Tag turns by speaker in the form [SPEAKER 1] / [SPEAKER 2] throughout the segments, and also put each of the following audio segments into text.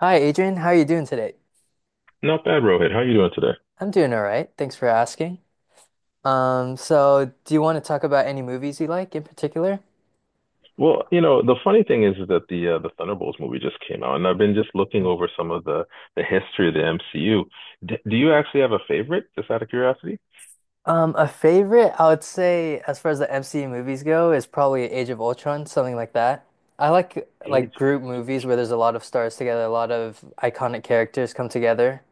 [SPEAKER 1] Hi, Adrian. How are you doing today?
[SPEAKER 2] Not bad, Rohit. How are you doing today?
[SPEAKER 1] I'm doing all right. Thanks for asking. So do you want to talk about any movies you like in particular?
[SPEAKER 2] Well, you know, the funny thing is that the Thunderbolts movie just came out, and I've been just looking
[SPEAKER 1] Hmm.
[SPEAKER 2] over some of the history of the MCU. Do you actually have a favorite, just out of curiosity?
[SPEAKER 1] A favorite, I would say, as far as the MCU movies go, is probably Age of Ultron, something like that. I like
[SPEAKER 2] Age.
[SPEAKER 1] group movies where there's a lot of stars together, a lot of iconic characters come together.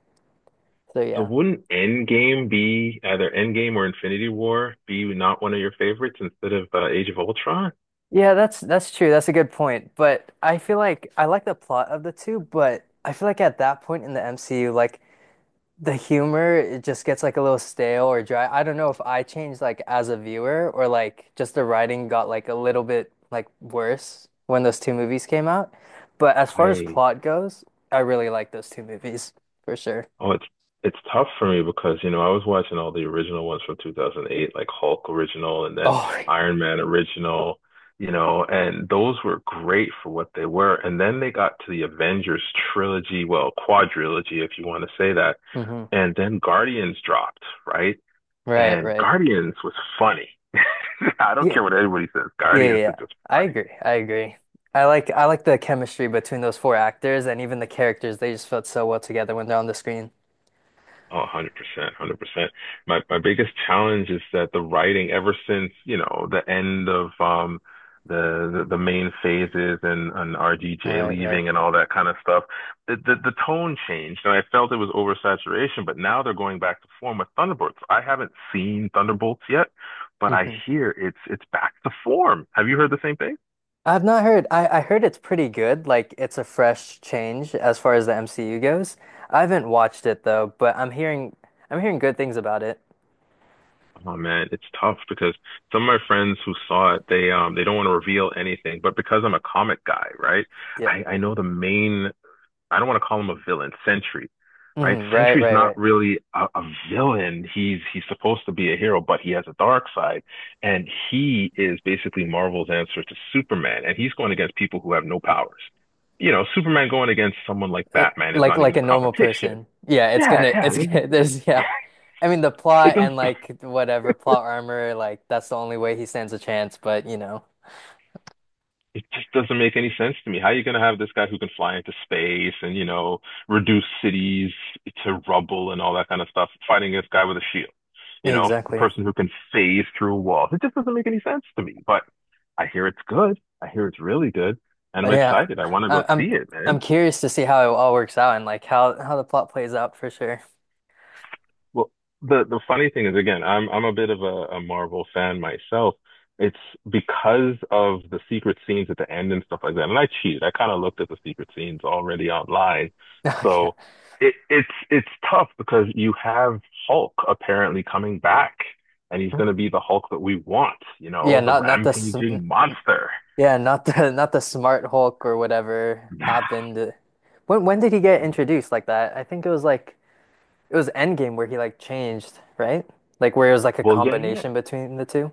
[SPEAKER 1] So
[SPEAKER 2] So
[SPEAKER 1] yeah.
[SPEAKER 2] wouldn't Endgame be either Endgame or Infinity War be not one of your favorites instead of Age of Ultron?
[SPEAKER 1] Yeah, that's true. That's a good point. But I feel like I like the plot of the two, but I feel like at that point in the MCU, like the humor it just gets like a little stale or dry. I don't know if I changed like as a viewer or like just the writing got like a little bit like worse when those two movies came out. But as far as
[SPEAKER 2] I
[SPEAKER 1] plot goes, I really like those two movies for sure.
[SPEAKER 2] oh, it's tough for me because, you know, I was watching all the original ones from 2008, like Hulk original and then
[SPEAKER 1] Oh.
[SPEAKER 2] Iron Man original, you know, and those were great for what they were. And then they got to the Avengers trilogy, well, quadrilogy, if you want to say that.
[SPEAKER 1] Hmm.
[SPEAKER 2] And then Guardians dropped, right?
[SPEAKER 1] Right,
[SPEAKER 2] And
[SPEAKER 1] right.
[SPEAKER 2] Guardians was funny. I don't
[SPEAKER 1] Yeah,
[SPEAKER 2] care what anybody says.
[SPEAKER 1] yeah, yeah,
[SPEAKER 2] Guardians is
[SPEAKER 1] yeah.
[SPEAKER 2] just
[SPEAKER 1] I
[SPEAKER 2] funny.
[SPEAKER 1] agree. I agree. I like the chemistry between those four actors and even the characters. They just felt so well together when they're on the screen.
[SPEAKER 2] Oh, 100%, 100%. My biggest challenge is that the writing, ever since, you know, the end of the main phases and, RDJ
[SPEAKER 1] Right, right.
[SPEAKER 2] leaving and all that kind of stuff, the tone changed, and I felt it was oversaturation, but now they're going back to form with Thunderbolts. I haven't seen Thunderbolts yet, but I hear it's back to form. Have you heard the same thing?
[SPEAKER 1] I've not heard. I heard it's pretty good. Like it's a fresh change as far as the MCU goes. I haven't watched it though, but I'm hearing good things about it.
[SPEAKER 2] Oh man, it's tough because some of my friends who saw it, they don't want to reveal anything. But because I'm a comic guy, right?
[SPEAKER 1] Yeah.
[SPEAKER 2] I know the main. I don't want to call him a villain, Sentry, right?
[SPEAKER 1] Mhm, right,
[SPEAKER 2] Sentry's
[SPEAKER 1] right, right.
[SPEAKER 2] not really a villain. He's supposed to be a hero, but he has a dark side, and he is basically Marvel's answer to Superman. And he's going against people who have no powers. You know, Superman going against someone like
[SPEAKER 1] Like
[SPEAKER 2] Batman is
[SPEAKER 1] like
[SPEAKER 2] not
[SPEAKER 1] like
[SPEAKER 2] even a
[SPEAKER 1] a normal
[SPEAKER 2] competition.
[SPEAKER 1] person. Yeah, it's
[SPEAKER 2] Yeah,
[SPEAKER 1] gonna
[SPEAKER 2] yeah.
[SPEAKER 1] it's
[SPEAKER 2] It,
[SPEAKER 1] gonna
[SPEAKER 2] just,
[SPEAKER 1] there's yeah. I mean the
[SPEAKER 2] it
[SPEAKER 1] plot
[SPEAKER 2] does
[SPEAKER 1] and like whatever plot armor, like that's the only way he stands a chance, but you know.
[SPEAKER 2] it just doesn't make any sense to me. How are you going to have this guy who can fly into space and, you know, reduce cities to rubble and all that kind of stuff fighting this guy with a shield? You
[SPEAKER 1] Yeah,
[SPEAKER 2] know, a
[SPEAKER 1] exactly.
[SPEAKER 2] person who can phase through walls. It just doesn't make any sense to me. But I hear it's good. I hear it's really good. And
[SPEAKER 1] Uh,
[SPEAKER 2] I'm
[SPEAKER 1] Yeah.
[SPEAKER 2] excited. I want to go
[SPEAKER 1] I,
[SPEAKER 2] see
[SPEAKER 1] I'm
[SPEAKER 2] it, man.
[SPEAKER 1] I'm curious to see how it all works out and like how the plot plays out for sure.
[SPEAKER 2] Well, the funny thing is, again, I'm a bit of a Marvel fan myself. It's because of the secret scenes at the end and stuff like that. And I cheated. I kind of looked at the secret scenes already online.
[SPEAKER 1] Yeah.
[SPEAKER 2] So it's tough because you have Hulk apparently coming back, and he's going to be the Hulk that we want, you
[SPEAKER 1] Yeah,
[SPEAKER 2] know, the
[SPEAKER 1] not this.
[SPEAKER 2] rampaging monster.
[SPEAKER 1] Yeah, not the not the Smart Hulk or whatever happened. When did he get introduced like that? I think it was like it was Endgame where he like changed, right? Like where it was like a
[SPEAKER 2] Well, yeah, yeah,
[SPEAKER 1] combination between the 2.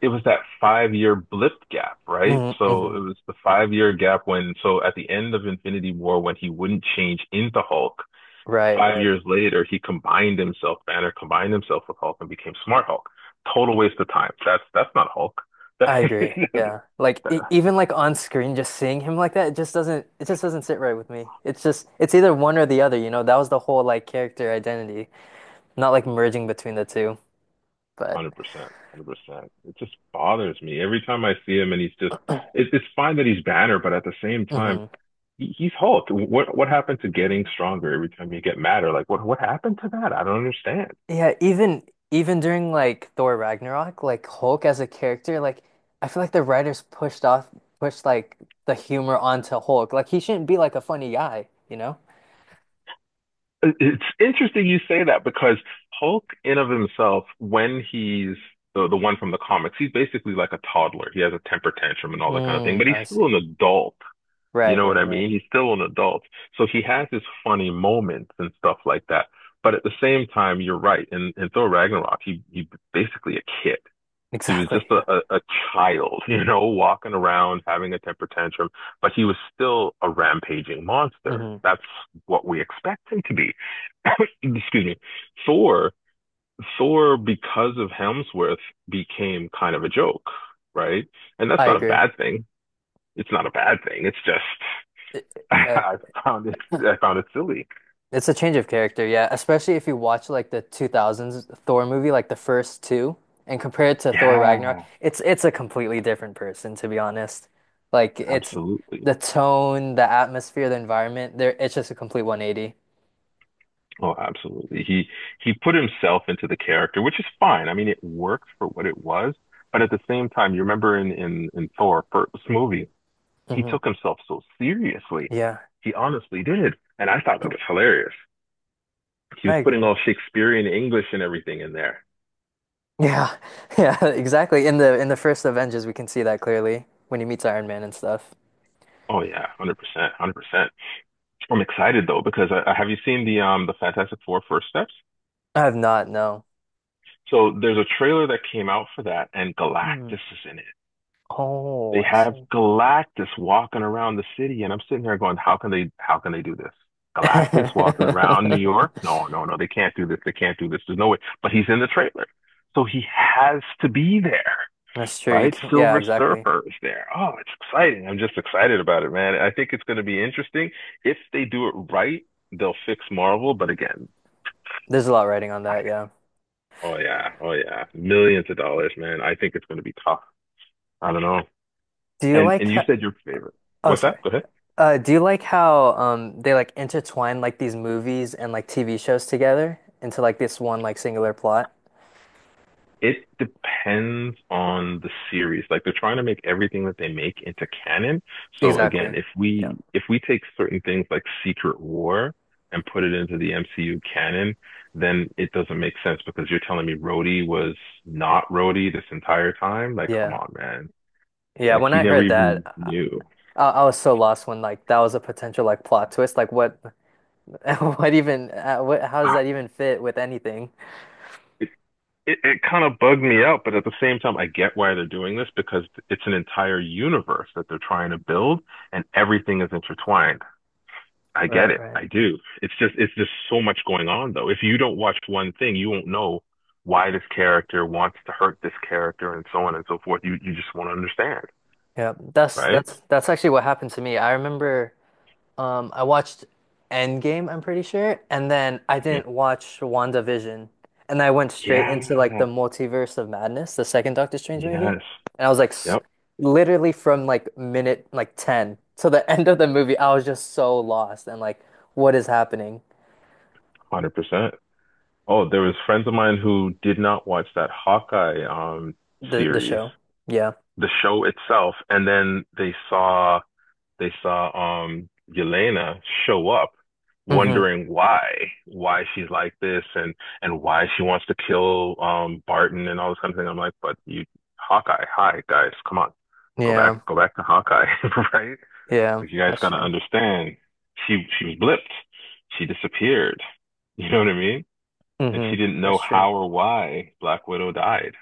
[SPEAKER 2] it was that 5 year blip gap, right?
[SPEAKER 1] Hmm.
[SPEAKER 2] So
[SPEAKER 1] Hmm.
[SPEAKER 2] it was the 5 year gap when, so at the end of Infinity War, when he wouldn't change into Hulk,
[SPEAKER 1] Right,
[SPEAKER 2] five
[SPEAKER 1] right.
[SPEAKER 2] years later, he combined himself, Banner combined himself with Hulk and became Smart Hulk. Total waste of time. That's not Hulk.
[SPEAKER 1] I agree.
[SPEAKER 2] one
[SPEAKER 1] Yeah. Like e even like on screen just seeing him like that, it just doesn't sit right with me. It's just it's either one or the other, you know? That was the whole like character identity, not like merging between the two. But
[SPEAKER 2] Hundred percent, 100%. It just bothers me every time I see him, and he's just. It's fine that he's Banner, but at the same time,
[SPEAKER 1] mhm.
[SPEAKER 2] he's Hulk. What happened to getting stronger every time you get madder? Like what happened to that? I don't understand.
[SPEAKER 1] Yeah, even during like Thor Ragnarok, like Hulk as a character, like I feel like the writers pushed like the humor onto Hulk. Like he shouldn't be like a funny guy, you know?
[SPEAKER 2] It's interesting you say that because Hulk, in of himself, when he's the one from the comics, he's basically like a toddler. He has a temper tantrum and all that kind of thing,
[SPEAKER 1] Mm,
[SPEAKER 2] but he's
[SPEAKER 1] I
[SPEAKER 2] still an
[SPEAKER 1] see.
[SPEAKER 2] adult. You
[SPEAKER 1] Right,
[SPEAKER 2] know what
[SPEAKER 1] right,
[SPEAKER 2] I
[SPEAKER 1] right.
[SPEAKER 2] mean? He's still an adult. So he has his funny moments and stuff like that. But at the same time, you're right. In Thor Ragnarok, he basically a kid. He was
[SPEAKER 1] Exactly.
[SPEAKER 2] just a,
[SPEAKER 1] Yeah.
[SPEAKER 2] a, a child, you know, walking around, having a temper tantrum, but he was still a rampaging monster.
[SPEAKER 1] hmm
[SPEAKER 2] That's what we expect him to be. Excuse me. Thor, Thor, because of Hemsworth, became kind of a joke, right? And that's
[SPEAKER 1] I
[SPEAKER 2] not a
[SPEAKER 1] agree.
[SPEAKER 2] bad thing. It's not a bad thing. It's just
[SPEAKER 1] Yeah.
[SPEAKER 2] I I found it silly.
[SPEAKER 1] It's a change of character, yeah. Especially if you watch like the 2000s Thor movie, like the first two, and compare it to Thor Ragnarok,
[SPEAKER 2] Yeah,
[SPEAKER 1] it's a completely different person, to be honest. Like it's
[SPEAKER 2] absolutely.
[SPEAKER 1] the tone, the atmosphere, the environment, there it's just a complete 180.
[SPEAKER 2] Oh, absolutely. He put himself into the character, which is fine. I mean, it worked for what it was, but at the same time, you remember in in Thor first movie, he
[SPEAKER 1] Hmm.
[SPEAKER 2] took himself so seriously.
[SPEAKER 1] Yeah,
[SPEAKER 2] He honestly did, and I thought that was hilarious. He
[SPEAKER 1] I
[SPEAKER 2] was putting
[SPEAKER 1] agree.
[SPEAKER 2] all Shakespearean English and everything in there.
[SPEAKER 1] Yeah. Yeah, exactly. In the first Avengers, we can see that clearly when he meets Iron Man and stuff.
[SPEAKER 2] Oh yeah, 100%, 100%. I'm excited though because have you seen the Fantastic Four First Steps?
[SPEAKER 1] I have not, no.
[SPEAKER 2] So there's a trailer that came out for that, and
[SPEAKER 1] Hmm.
[SPEAKER 2] Galactus is in it.
[SPEAKER 1] Oh,
[SPEAKER 2] They
[SPEAKER 1] I
[SPEAKER 2] have
[SPEAKER 1] see.
[SPEAKER 2] Galactus walking around the city, and I'm sitting there going, "How can they? How can they do this? Galactus walking around New York? No, no, no. They can't do this. They can't do this. There's no way." But he's in the trailer, so he has to be there,
[SPEAKER 1] That's true. You
[SPEAKER 2] right?
[SPEAKER 1] can, yeah,
[SPEAKER 2] Silver
[SPEAKER 1] exactly.
[SPEAKER 2] Surfer is there. Oh, it's exciting. I'm just excited about it, man. I think it's going to be interesting. If they do it right, they'll fix Marvel. But again,
[SPEAKER 1] There's a lot writing on that, yeah.
[SPEAKER 2] oh yeah, oh yeah, millions of dollars, man. I think it's going to be tough. I don't know.
[SPEAKER 1] Do you
[SPEAKER 2] And
[SPEAKER 1] like
[SPEAKER 2] and you
[SPEAKER 1] how,
[SPEAKER 2] said your favorite.
[SPEAKER 1] oh,
[SPEAKER 2] What's
[SPEAKER 1] sorry.
[SPEAKER 2] that? Go ahead.
[SPEAKER 1] Do you like how they like intertwine like these movies and like TV shows together into like this one like singular plot?
[SPEAKER 2] It depends on the series. Like they're trying to make everything that they make into canon. So again,
[SPEAKER 1] Exactly.
[SPEAKER 2] if
[SPEAKER 1] Yeah.
[SPEAKER 2] we if we take certain things like Secret War and put it into the MCU canon, then it doesn't make sense because you're telling me Rhodey was not Rhodey this entire time. Like, come
[SPEAKER 1] Yeah.
[SPEAKER 2] on, man.
[SPEAKER 1] Yeah,
[SPEAKER 2] Like
[SPEAKER 1] when
[SPEAKER 2] he
[SPEAKER 1] I
[SPEAKER 2] never
[SPEAKER 1] heard that,
[SPEAKER 2] even knew.
[SPEAKER 1] I was so lost when like that was a potential like plot twist. Like what what even what how does
[SPEAKER 2] Ah,
[SPEAKER 1] that even fit with anything?
[SPEAKER 2] It, it kind of bugged me out, but at the same time, I get why they're doing this because it's an entire universe that they're trying to build and everything is intertwined. I get
[SPEAKER 1] Right,
[SPEAKER 2] it.
[SPEAKER 1] right.
[SPEAKER 2] I do. It's just so much going on though. If you don't watch one thing, you won't know why this character wants to hurt this character and so on and so forth. You just won't understand,
[SPEAKER 1] Yeah. That's
[SPEAKER 2] right?
[SPEAKER 1] that's that's actually what happened to me. I remember. I watched Endgame, I'm pretty sure, and then I
[SPEAKER 2] Mhm.
[SPEAKER 1] didn't watch WandaVision. And I went straight into like the
[SPEAKER 2] Yeah.
[SPEAKER 1] Multiverse of Madness, the second Doctor Strange movie.
[SPEAKER 2] Yes.
[SPEAKER 1] And I was like s
[SPEAKER 2] Yep.
[SPEAKER 1] literally from like minute like 10 to the end of the movie, I was just so lost and like what is happening?
[SPEAKER 2] 100%. Oh, there was friends of mine who did not watch that Hawkeye
[SPEAKER 1] The
[SPEAKER 2] series,
[SPEAKER 1] show. Yeah.
[SPEAKER 2] the show itself, and then they saw Yelena show up
[SPEAKER 1] Hmm.
[SPEAKER 2] wondering why she's like this and why she wants to kill Barton and all this kind of thing. I'm like, but you Hawkeye, hi guys, come on,
[SPEAKER 1] Yeah.
[SPEAKER 2] go back to Hawkeye, right?
[SPEAKER 1] Yeah,
[SPEAKER 2] Because you guys
[SPEAKER 1] that's
[SPEAKER 2] gotta
[SPEAKER 1] true.
[SPEAKER 2] understand, she was blipped, she disappeared, you know what I mean? And
[SPEAKER 1] Hmm.
[SPEAKER 2] she didn't know
[SPEAKER 1] That's true.
[SPEAKER 2] how or why Black Widow died.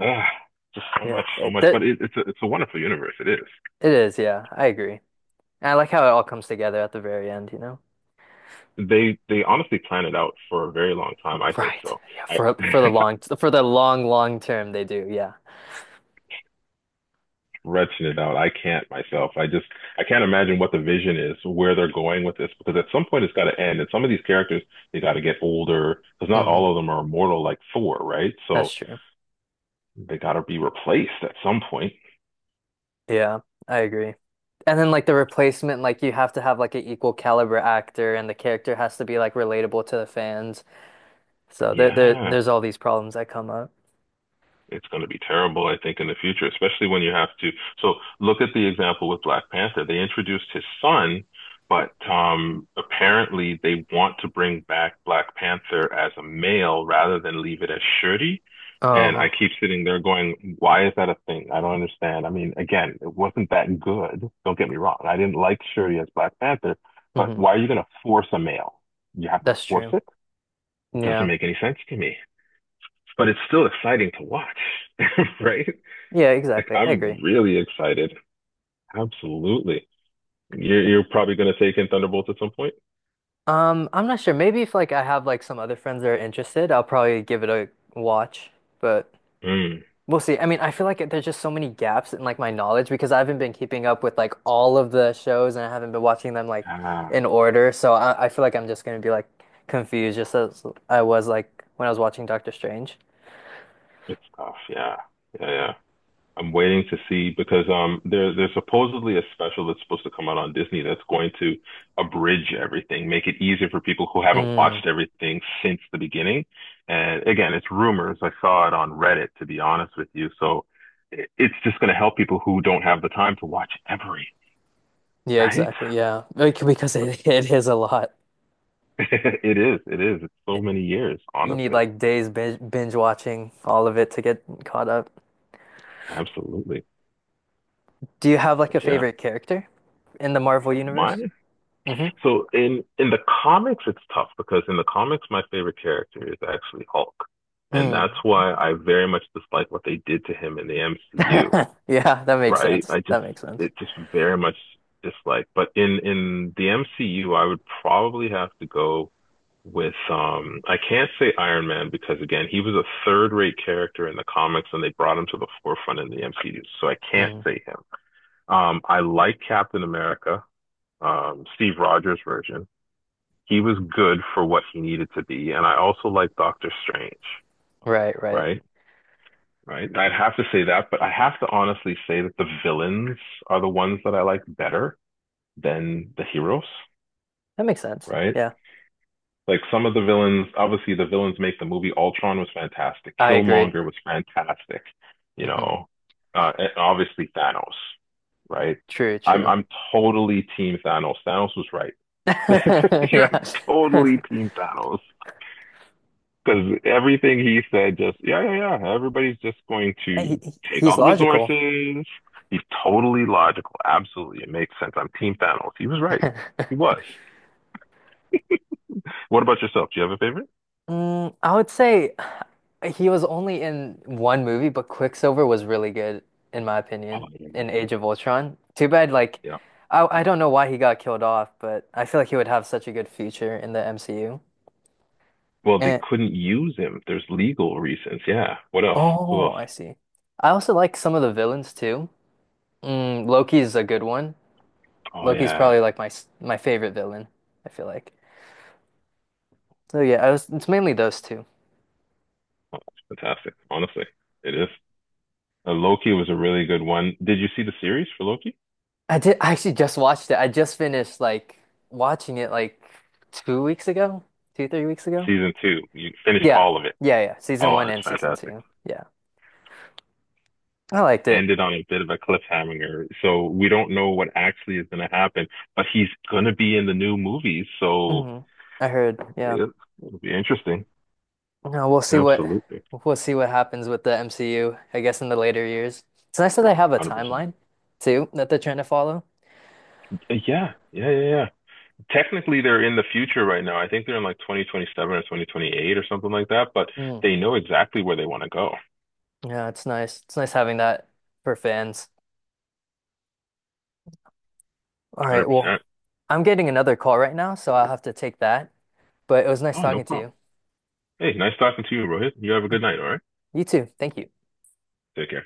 [SPEAKER 2] Ugh,
[SPEAKER 1] Yeah,
[SPEAKER 2] so much. But it's a wonderful universe. It is.
[SPEAKER 1] it is, yeah. I agree. And I like how it all comes together at the very end, you know?
[SPEAKER 2] They honestly plan it out for a very long time. I think
[SPEAKER 1] Right.
[SPEAKER 2] so.
[SPEAKER 1] Yeah,
[SPEAKER 2] I
[SPEAKER 1] for for the long for the long long term they do. Yeah.
[SPEAKER 2] retching it out. I can't myself. I just I can't imagine what the vision is, where they're going with this, because at some point it's got to end. And some of these characters they got to get older, because not
[SPEAKER 1] Hmm.
[SPEAKER 2] all of them are immortal like Thor, right?
[SPEAKER 1] That's
[SPEAKER 2] So
[SPEAKER 1] true.
[SPEAKER 2] they got to be replaced at some point.
[SPEAKER 1] Yeah, I agree. And then like the replacement like you have to have like an equal caliber actor and the character has to be like relatable to the fans. So there there
[SPEAKER 2] Yeah,
[SPEAKER 1] there's all these problems that come up.
[SPEAKER 2] it's going to be terrible, I think, in the future, especially when you have to. So look at the example with Black Panther. They introduced his son, but apparently they want to bring back Black Panther as a male rather than leave it as Shuri. And I
[SPEAKER 1] Oh.
[SPEAKER 2] keep sitting there going, why is that a thing? I don't understand. I mean, again, it wasn't that good. Don't get me wrong. I didn't like Shuri as Black Panther, but
[SPEAKER 1] Hmm.
[SPEAKER 2] why are you going to force a male? You have to
[SPEAKER 1] That's
[SPEAKER 2] force
[SPEAKER 1] true.
[SPEAKER 2] it? It doesn't
[SPEAKER 1] Yeah.
[SPEAKER 2] make any sense to me, but it's still exciting to watch, right?
[SPEAKER 1] Yeah,
[SPEAKER 2] Like
[SPEAKER 1] exactly. I
[SPEAKER 2] I'm
[SPEAKER 1] agree.
[SPEAKER 2] really excited. Absolutely. You're probably gonna take in Thunderbolts at some point.
[SPEAKER 1] I'm not sure. Maybe if like I have like some other friends that are interested, I'll probably give it a watch. But
[SPEAKER 2] Mm.
[SPEAKER 1] we'll see. I mean, I feel like there's just so many gaps in like my knowledge because I haven't been keeping up with like all of the shows and I haven't been watching them like
[SPEAKER 2] Ah,
[SPEAKER 1] in order. So I feel like I'm just gonna be like confused just as I was like when I was watching Doctor Strange.
[SPEAKER 2] good stuff. Yeah. Yeah, yeah. I'm waiting to see because there's supposedly a special that's supposed to come out on Disney that's going to abridge everything, make it easier for people who haven't
[SPEAKER 1] Mm.
[SPEAKER 2] watched everything since the beginning. And again, it's rumors. I saw it on Reddit, to be honest with you. So it's just going to help people who don't have the time to watch every,
[SPEAKER 1] Yeah,
[SPEAKER 2] right?
[SPEAKER 1] exactly. Yeah. Like, because it is a lot.
[SPEAKER 2] It is. It is. It's so
[SPEAKER 1] It-
[SPEAKER 2] many years,
[SPEAKER 1] you need
[SPEAKER 2] honestly.
[SPEAKER 1] like days binge, binge watching all of it to get caught up.
[SPEAKER 2] Absolutely.
[SPEAKER 1] Do you have like
[SPEAKER 2] But
[SPEAKER 1] a
[SPEAKER 2] yeah,
[SPEAKER 1] favorite character in the Marvel universe?
[SPEAKER 2] mine.
[SPEAKER 1] Mm-hmm.
[SPEAKER 2] So in the comics, it's tough because in the comics, my favorite character is actually Hulk, and
[SPEAKER 1] Mm.
[SPEAKER 2] that's why I very much dislike what they did to him in the MCU.
[SPEAKER 1] Yeah, that makes
[SPEAKER 2] Right?
[SPEAKER 1] sense.
[SPEAKER 2] I just
[SPEAKER 1] That makes sense.
[SPEAKER 2] it just very much dislike. But in the MCU, I would probably have to go with I can't say Iron Man because again, he was a third-rate character in the comics and they brought him to the forefront in the MCU, so I can't
[SPEAKER 1] Mm.
[SPEAKER 2] say him. I like Captain America, Steve Rogers version. He was good for what he needed to be, and I also like Doctor Strange,
[SPEAKER 1] Right, right.
[SPEAKER 2] right? Right? I'd have to say that, but I have to honestly say that the villains are the ones that I like better than the heroes,
[SPEAKER 1] That makes sense.
[SPEAKER 2] right?
[SPEAKER 1] Yeah.
[SPEAKER 2] Like some of the villains, obviously the villains make the movie. Ultron was fantastic.
[SPEAKER 1] I agree.
[SPEAKER 2] Killmonger was fantastic, you
[SPEAKER 1] Hmm.
[SPEAKER 2] know, and obviously Thanos, right?
[SPEAKER 1] True,
[SPEAKER 2] I'm
[SPEAKER 1] true.
[SPEAKER 2] I'm totally team Thanos. Thanos was right. Yeah, I'm
[SPEAKER 1] Yeah.
[SPEAKER 2] totally team Thanos. Because everything he said, just yeah, yeah, yeah. Everybody's just going
[SPEAKER 1] He,
[SPEAKER 2] to
[SPEAKER 1] he-
[SPEAKER 2] take
[SPEAKER 1] he's
[SPEAKER 2] all the
[SPEAKER 1] logical.
[SPEAKER 2] resources. He's totally logical. Absolutely, it makes sense. I'm Team Thanos. He was right. He was. What about yourself? Do you have a favorite?
[SPEAKER 1] I would say he was only in one movie, but Quicksilver was really good, in my
[SPEAKER 2] Oh,
[SPEAKER 1] opinion,
[SPEAKER 2] yeah, yeah,
[SPEAKER 1] in
[SPEAKER 2] yeah.
[SPEAKER 1] Age of Ultron. Too bad, like,
[SPEAKER 2] Yeah.
[SPEAKER 1] I don't know why he got killed off, but I feel like he would have such a good future in the MCU.
[SPEAKER 2] Well, they
[SPEAKER 1] And,
[SPEAKER 2] couldn't use him. There's legal reasons. Yeah. What else? Who
[SPEAKER 1] oh,
[SPEAKER 2] else?
[SPEAKER 1] I see. I also like some of the villains too. Loki is a good one.
[SPEAKER 2] Oh
[SPEAKER 1] Loki's
[SPEAKER 2] yeah.
[SPEAKER 1] probably like my favorite villain, I feel like. So yeah, I was it's mainly those two.
[SPEAKER 2] Oh, that's fantastic. Honestly, it is. Loki was a really good one. Did you see the series for Loki?
[SPEAKER 1] I actually just watched it. I just finished like watching it like 2 weeks ago, two, 3 weeks ago.
[SPEAKER 2] Season two. You finished
[SPEAKER 1] Yeah.
[SPEAKER 2] all of it.
[SPEAKER 1] Yeah, yeah. Season
[SPEAKER 2] Oh,
[SPEAKER 1] one
[SPEAKER 2] that's
[SPEAKER 1] and season
[SPEAKER 2] fantastic.
[SPEAKER 1] two. Yeah. I liked it.
[SPEAKER 2] Ended on a bit of a cliffhanger. So we don't know what actually is going to happen, but he's going to be in the new movies. So
[SPEAKER 1] hmm I heard, yeah.
[SPEAKER 2] it, it'll be interesting.
[SPEAKER 1] No, we'll see what
[SPEAKER 2] Absolutely.
[SPEAKER 1] we'll see what happens with the MCU, I guess in the later years. It's nice that they have a
[SPEAKER 2] 100%.
[SPEAKER 1] timeline too that they're trying to follow.
[SPEAKER 2] Yeah. Yeah. Yeah. Yeah. Technically, they're in the future right now. I think they're in like 2027 or 2028 or something like that, but
[SPEAKER 1] Mm.
[SPEAKER 2] they know exactly where they want to go.
[SPEAKER 1] Yeah, it's nice. It's nice having that for fans. All right, well,
[SPEAKER 2] 100%.
[SPEAKER 1] I'm getting another call right now, so I'll have to take that. But it was nice
[SPEAKER 2] Oh, no
[SPEAKER 1] talking to
[SPEAKER 2] problem.
[SPEAKER 1] you.
[SPEAKER 2] Hey, nice talking to you, Rohit. You have a
[SPEAKER 1] All
[SPEAKER 2] good
[SPEAKER 1] right.
[SPEAKER 2] night. All right.
[SPEAKER 1] You too. Thank you.
[SPEAKER 2] Take care.